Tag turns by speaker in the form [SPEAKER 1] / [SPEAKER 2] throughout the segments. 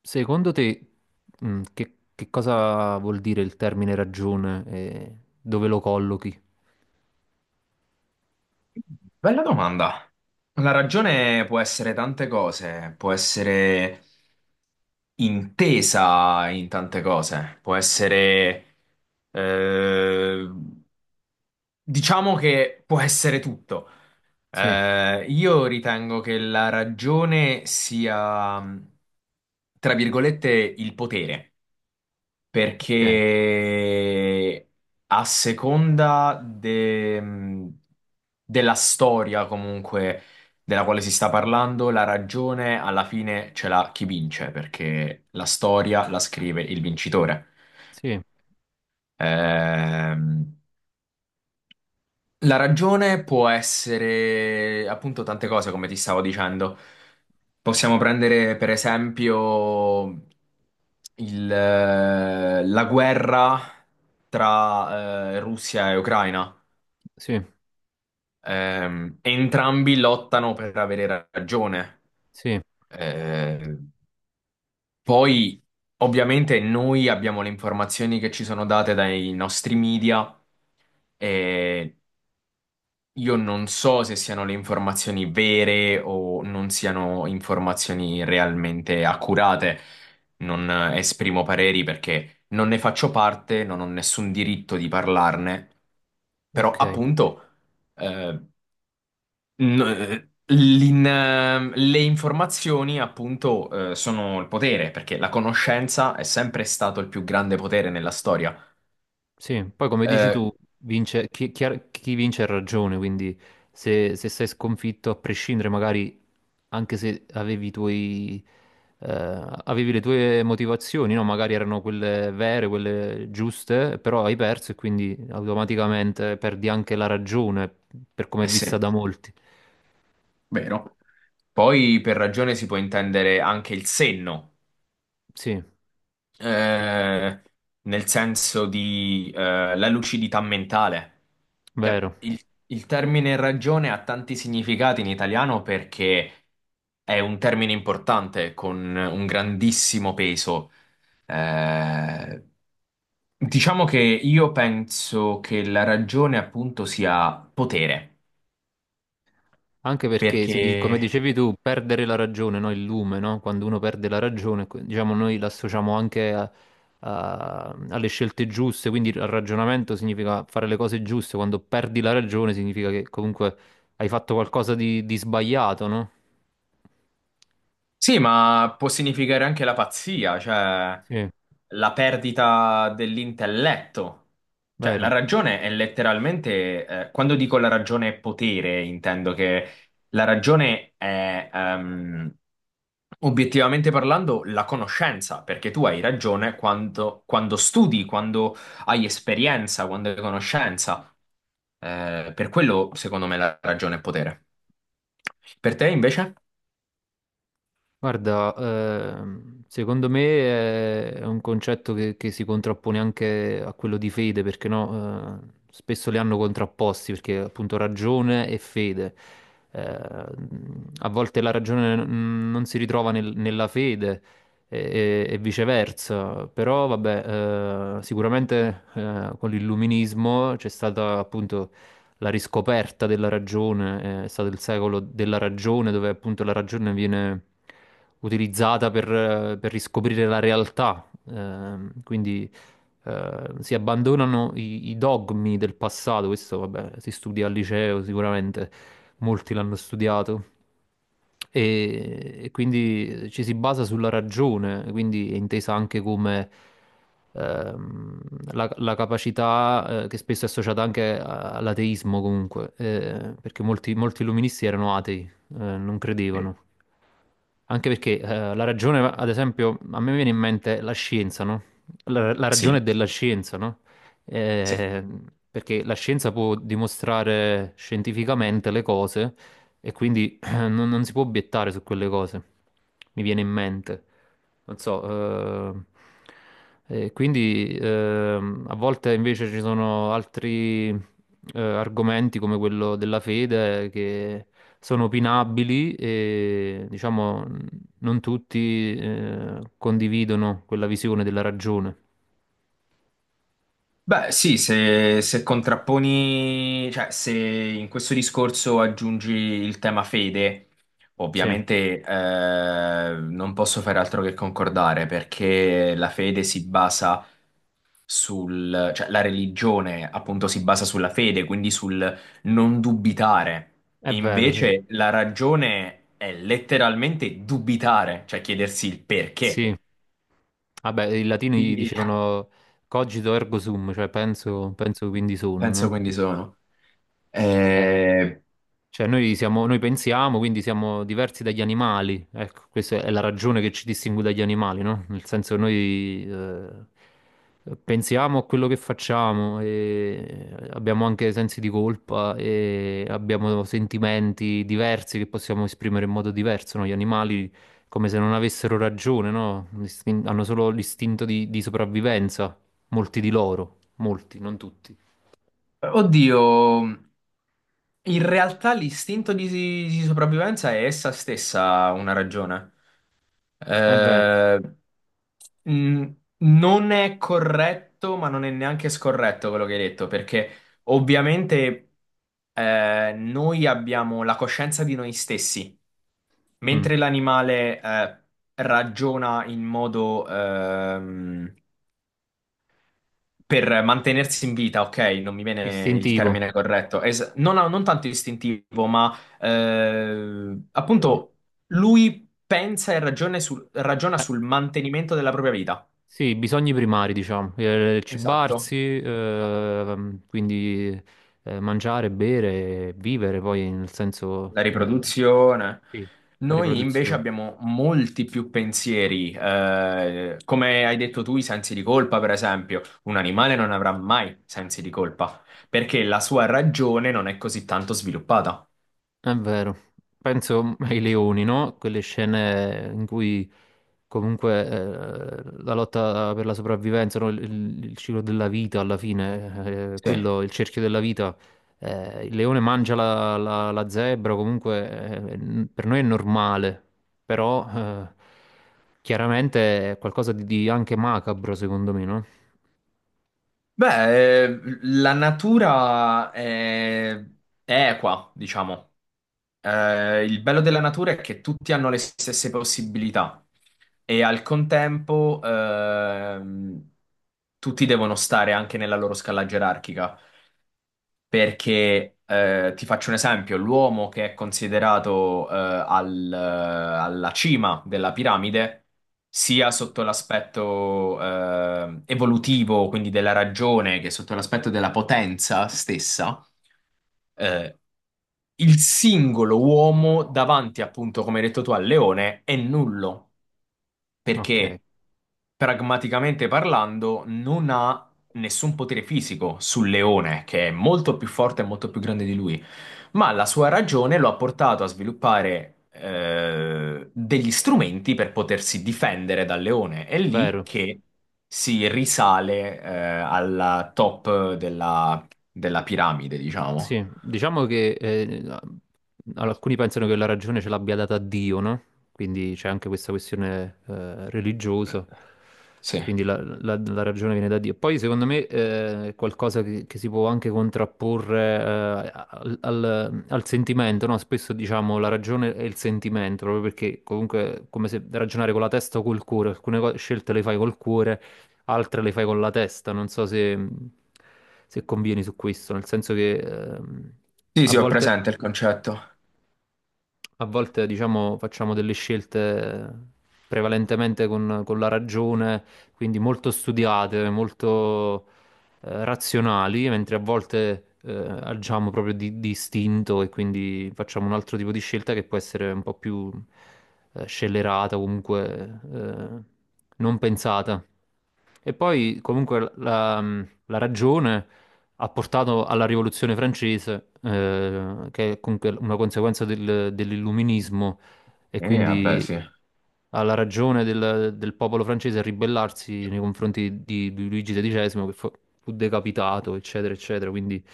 [SPEAKER 1] Secondo te, che cosa vuol dire il termine ragione e dove lo collochi?
[SPEAKER 2] Bella domanda. La ragione può essere tante cose, può essere intesa in tante cose, può essere, eh, diciamo che può essere tutto.
[SPEAKER 1] Sì,
[SPEAKER 2] Io ritengo che la ragione sia, tra virgolette, il potere
[SPEAKER 1] ok,
[SPEAKER 2] perché a seconda de- mhmm, della storia comunque della quale si sta parlando, la ragione alla fine ce l'ha chi vince, perché la storia la scrive il vincitore.
[SPEAKER 1] sì,
[SPEAKER 2] Ehm, la ragione può essere appunto tante cose, come ti stavo dicendo. Possiamo prendere per esempio la guerra tra Russia e Ucraina.
[SPEAKER 1] sì,
[SPEAKER 2] Entrambi lottano per avere ragione.
[SPEAKER 1] sì,
[SPEAKER 2] Ehm, poi, ovviamente, noi abbiamo le informazioni che ci sono date dai nostri media. E io non so se siano le informazioni vere o non siano informazioni realmente accurate. Non esprimo pareri perché non ne faccio parte, non ho nessun diritto di parlarne. Però,
[SPEAKER 1] ok.
[SPEAKER 2] appunto, eh, le informazioni, appunto, sono il potere, perché la conoscenza è sempre stato il più grande potere nella storia.
[SPEAKER 1] Sì, poi come dici
[SPEAKER 2] Eh,
[SPEAKER 1] tu, vince, chi vince ha ragione, quindi se sei sconfitto, a prescindere magari anche se avevi i tuoi, eh, avevi le tue motivazioni, no? Magari erano quelle vere, quelle giuste, però hai perso e quindi automaticamente perdi anche la ragione, per come è
[SPEAKER 2] eh
[SPEAKER 1] vista
[SPEAKER 2] sì,
[SPEAKER 1] da molti.
[SPEAKER 2] vero. Poi per ragione si può intendere anche il senno,
[SPEAKER 1] Sì,
[SPEAKER 2] eh, nel senso di la lucidità mentale. Cioè,
[SPEAKER 1] vero.
[SPEAKER 2] il termine ragione ha tanti significati in italiano perché è un termine importante con un grandissimo peso. Eh, diciamo che io penso che la ragione appunto sia potere,
[SPEAKER 1] Anche perché, come
[SPEAKER 2] perché
[SPEAKER 1] dicevi tu, perdere la ragione, no? Il lume, no? Quando uno perde la ragione, diciamo, noi l'associamo anche alle scelte giuste, quindi il ragionamento significa fare le cose giuste, quando perdi la ragione significa che comunque hai fatto qualcosa di sbagliato, no?
[SPEAKER 2] sì, ma può significare anche la pazzia, cioè
[SPEAKER 1] Sì,
[SPEAKER 2] la perdita dell'intelletto. Cioè, la
[SPEAKER 1] vero.
[SPEAKER 2] ragione è letteralmente, quando dico la ragione è potere, intendo che la ragione è, obiettivamente parlando, la conoscenza, perché tu hai ragione quando, quando studi, quando hai esperienza, quando hai conoscenza. Per quello, secondo me, la ragione è potere. Per te, invece?
[SPEAKER 1] Guarda, secondo me è un concetto che si contrappone anche a quello di fede, perché no, spesso li hanno contrapposti, perché appunto ragione e fede. A volte la ragione non si ritrova nella fede e, e viceversa, però vabbè, sicuramente con l'illuminismo c'è stata appunto la riscoperta della ragione, è stato il secolo della ragione, dove appunto la ragione viene utilizzata per riscoprire la realtà. Quindi si abbandonano i dogmi del passato, questo vabbè, si studia al liceo sicuramente, molti l'hanno studiato e quindi ci si basa sulla ragione, quindi è intesa anche come ehm, la capacità che spesso è associata anche all'ateismo comunque, perché molti illuministi erano atei, non credevano. Anche perché la ragione, ad esempio, a me viene in mente la scienza, no? La ragione
[SPEAKER 2] Sì,
[SPEAKER 1] della scienza, no?
[SPEAKER 2] sì.
[SPEAKER 1] Eh, perché la scienza può dimostrare scientificamente le cose e quindi non si può obiettare su quelle cose, mi viene in mente. Non so, quindi a volte invece ci sono altri argomenti come quello della fede che sono opinabili e diciamo non tutti condividono quella visione della ragione.
[SPEAKER 2] Beh, sì, se, se contrapponi, cioè se in questo discorso aggiungi il tema fede,
[SPEAKER 1] Sì,
[SPEAKER 2] ovviamente non posso fare altro che concordare perché la fede si basa sul, cioè la religione appunto si basa sulla fede, quindi sul non dubitare.
[SPEAKER 1] è vero, sì.
[SPEAKER 2] Invece la ragione è letteralmente dubitare, cioè chiedersi il
[SPEAKER 1] Sì,
[SPEAKER 2] perché.
[SPEAKER 1] vabbè, i latini
[SPEAKER 2] Quindi
[SPEAKER 1] dicevano cogito ergo sum, cioè penso, penso quindi sono,
[SPEAKER 2] penso
[SPEAKER 1] no?
[SPEAKER 2] quindi sono.
[SPEAKER 1] Eh,
[SPEAKER 2] Eh,
[SPEAKER 1] Cioè, noi siamo, noi pensiamo, quindi siamo diversi dagli animali. Ecco, questa è la ragione che ci distingue dagli animali, no? Nel senso che noi pensiamo a quello che facciamo e abbiamo anche sensi di colpa e abbiamo sentimenti diversi che possiamo esprimere in modo diverso, no? Gli animali come se non avessero ragione, no? Hanno solo l'istinto di sopravvivenza, molti di loro, molti, non tutti.
[SPEAKER 2] oddio, in realtà l'istinto di sopravvivenza è essa stessa una ragione.
[SPEAKER 1] Ma è vero.
[SPEAKER 2] Eh, mh, non è corretto, ma non è neanche scorretto quello che hai detto, perché ovviamente noi abbiamo la coscienza di noi stessi,
[SPEAKER 1] Mm.
[SPEAKER 2] mentre l'animale ragiona in modo per mantenersi in vita, ok, non mi viene il
[SPEAKER 1] Istintivo.
[SPEAKER 2] termine corretto, non tanto istintivo, ma
[SPEAKER 1] Ehm,
[SPEAKER 2] appunto lui pensa e ragione ragiona
[SPEAKER 1] Eh,
[SPEAKER 2] sul mantenimento della propria vita.
[SPEAKER 1] sì, bisogni primari, diciamo.
[SPEAKER 2] Esatto.
[SPEAKER 1] Cibarsi, quindi mangiare, bere, vivere, poi nel
[SPEAKER 2] La
[SPEAKER 1] senso,
[SPEAKER 2] riproduzione.
[SPEAKER 1] sì, la
[SPEAKER 2] Noi invece
[SPEAKER 1] riproduzione.
[SPEAKER 2] abbiamo molti più pensieri, come hai detto tu, i sensi di colpa, per esempio. Un animale non avrà mai sensi di colpa perché la sua ragione non è così tanto sviluppata.
[SPEAKER 1] È vero, penso ai leoni, no? Quelle scene in cui comunque la lotta per la sopravvivenza, no? Il ciclo della vita alla fine,
[SPEAKER 2] Sì.
[SPEAKER 1] quello, il cerchio della vita, il leone mangia la, la zebra, comunque per noi è normale, però chiaramente è qualcosa di anche macabro secondo me, no?
[SPEAKER 2] Beh, la natura è equa, diciamo. Il bello della natura è che tutti hanno le stesse possibilità e al contempo tutti devono stare anche nella loro scala gerarchica. Perché ti faccio un esempio, l'uomo che è considerato alla cima della piramide, sia sotto l'aspetto evolutivo, quindi della ragione, che sotto l'aspetto della potenza stessa, eh, il singolo uomo davanti, appunto, come hai detto tu, al leone è nullo,
[SPEAKER 1] Ok,
[SPEAKER 2] perché pragmaticamente parlando non ha nessun potere fisico sul leone, che è molto più forte e molto più grande di lui, ma la sua ragione lo ha portato a sviluppare degli strumenti per potersi difendere dal leone. È lì
[SPEAKER 1] vero.
[SPEAKER 2] che si risale alla top della, della piramide, diciamo.
[SPEAKER 1] Sì, diciamo che alcuni pensano che la ragione ce l'abbia data Dio, no? Quindi c'è anche questa questione religiosa,
[SPEAKER 2] Sì.
[SPEAKER 1] quindi la, la ragione viene da Dio. Poi secondo me è qualcosa che si può anche contrapporre al, al sentimento, no? Spesso diciamo la ragione e il sentimento, proprio perché comunque è come se ragionare con la testa o col cuore, alcune scelte le fai col cuore altre le fai con la testa. Non so se, se convieni su questo, nel senso che
[SPEAKER 2] Sì,
[SPEAKER 1] a
[SPEAKER 2] sì, ho
[SPEAKER 1] volte.
[SPEAKER 2] presente il concetto.
[SPEAKER 1] A volte, diciamo, facciamo delle scelte prevalentemente con la ragione, quindi molto studiate, molto razionali, mentre a volte agiamo proprio di istinto e quindi facciamo un altro tipo di scelta che può essere un po' più scellerata, comunque non pensata. E poi comunque la, la ragione ha portato alla rivoluzione francese, che è comunque una conseguenza dell'illuminismo e
[SPEAKER 2] Vabbè,
[SPEAKER 1] quindi
[SPEAKER 2] sì.
[SPEAKER 1] alla ragione del, del popolo francese a ribellarsi nei confronti di Luigi XII, che fu, fu decapitato, eccetera, eccetera. Quindi,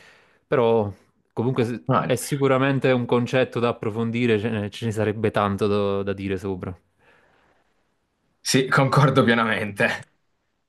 [SPEAKER 1] però, comunque
[SPEAKER 2] Ah,
[SPEAKER 1] è sicuramente un concetto da approfondire, ce ne sarebbe tanto da da dire sopra.
[SPEAKER 2] sì, concordo pienamente.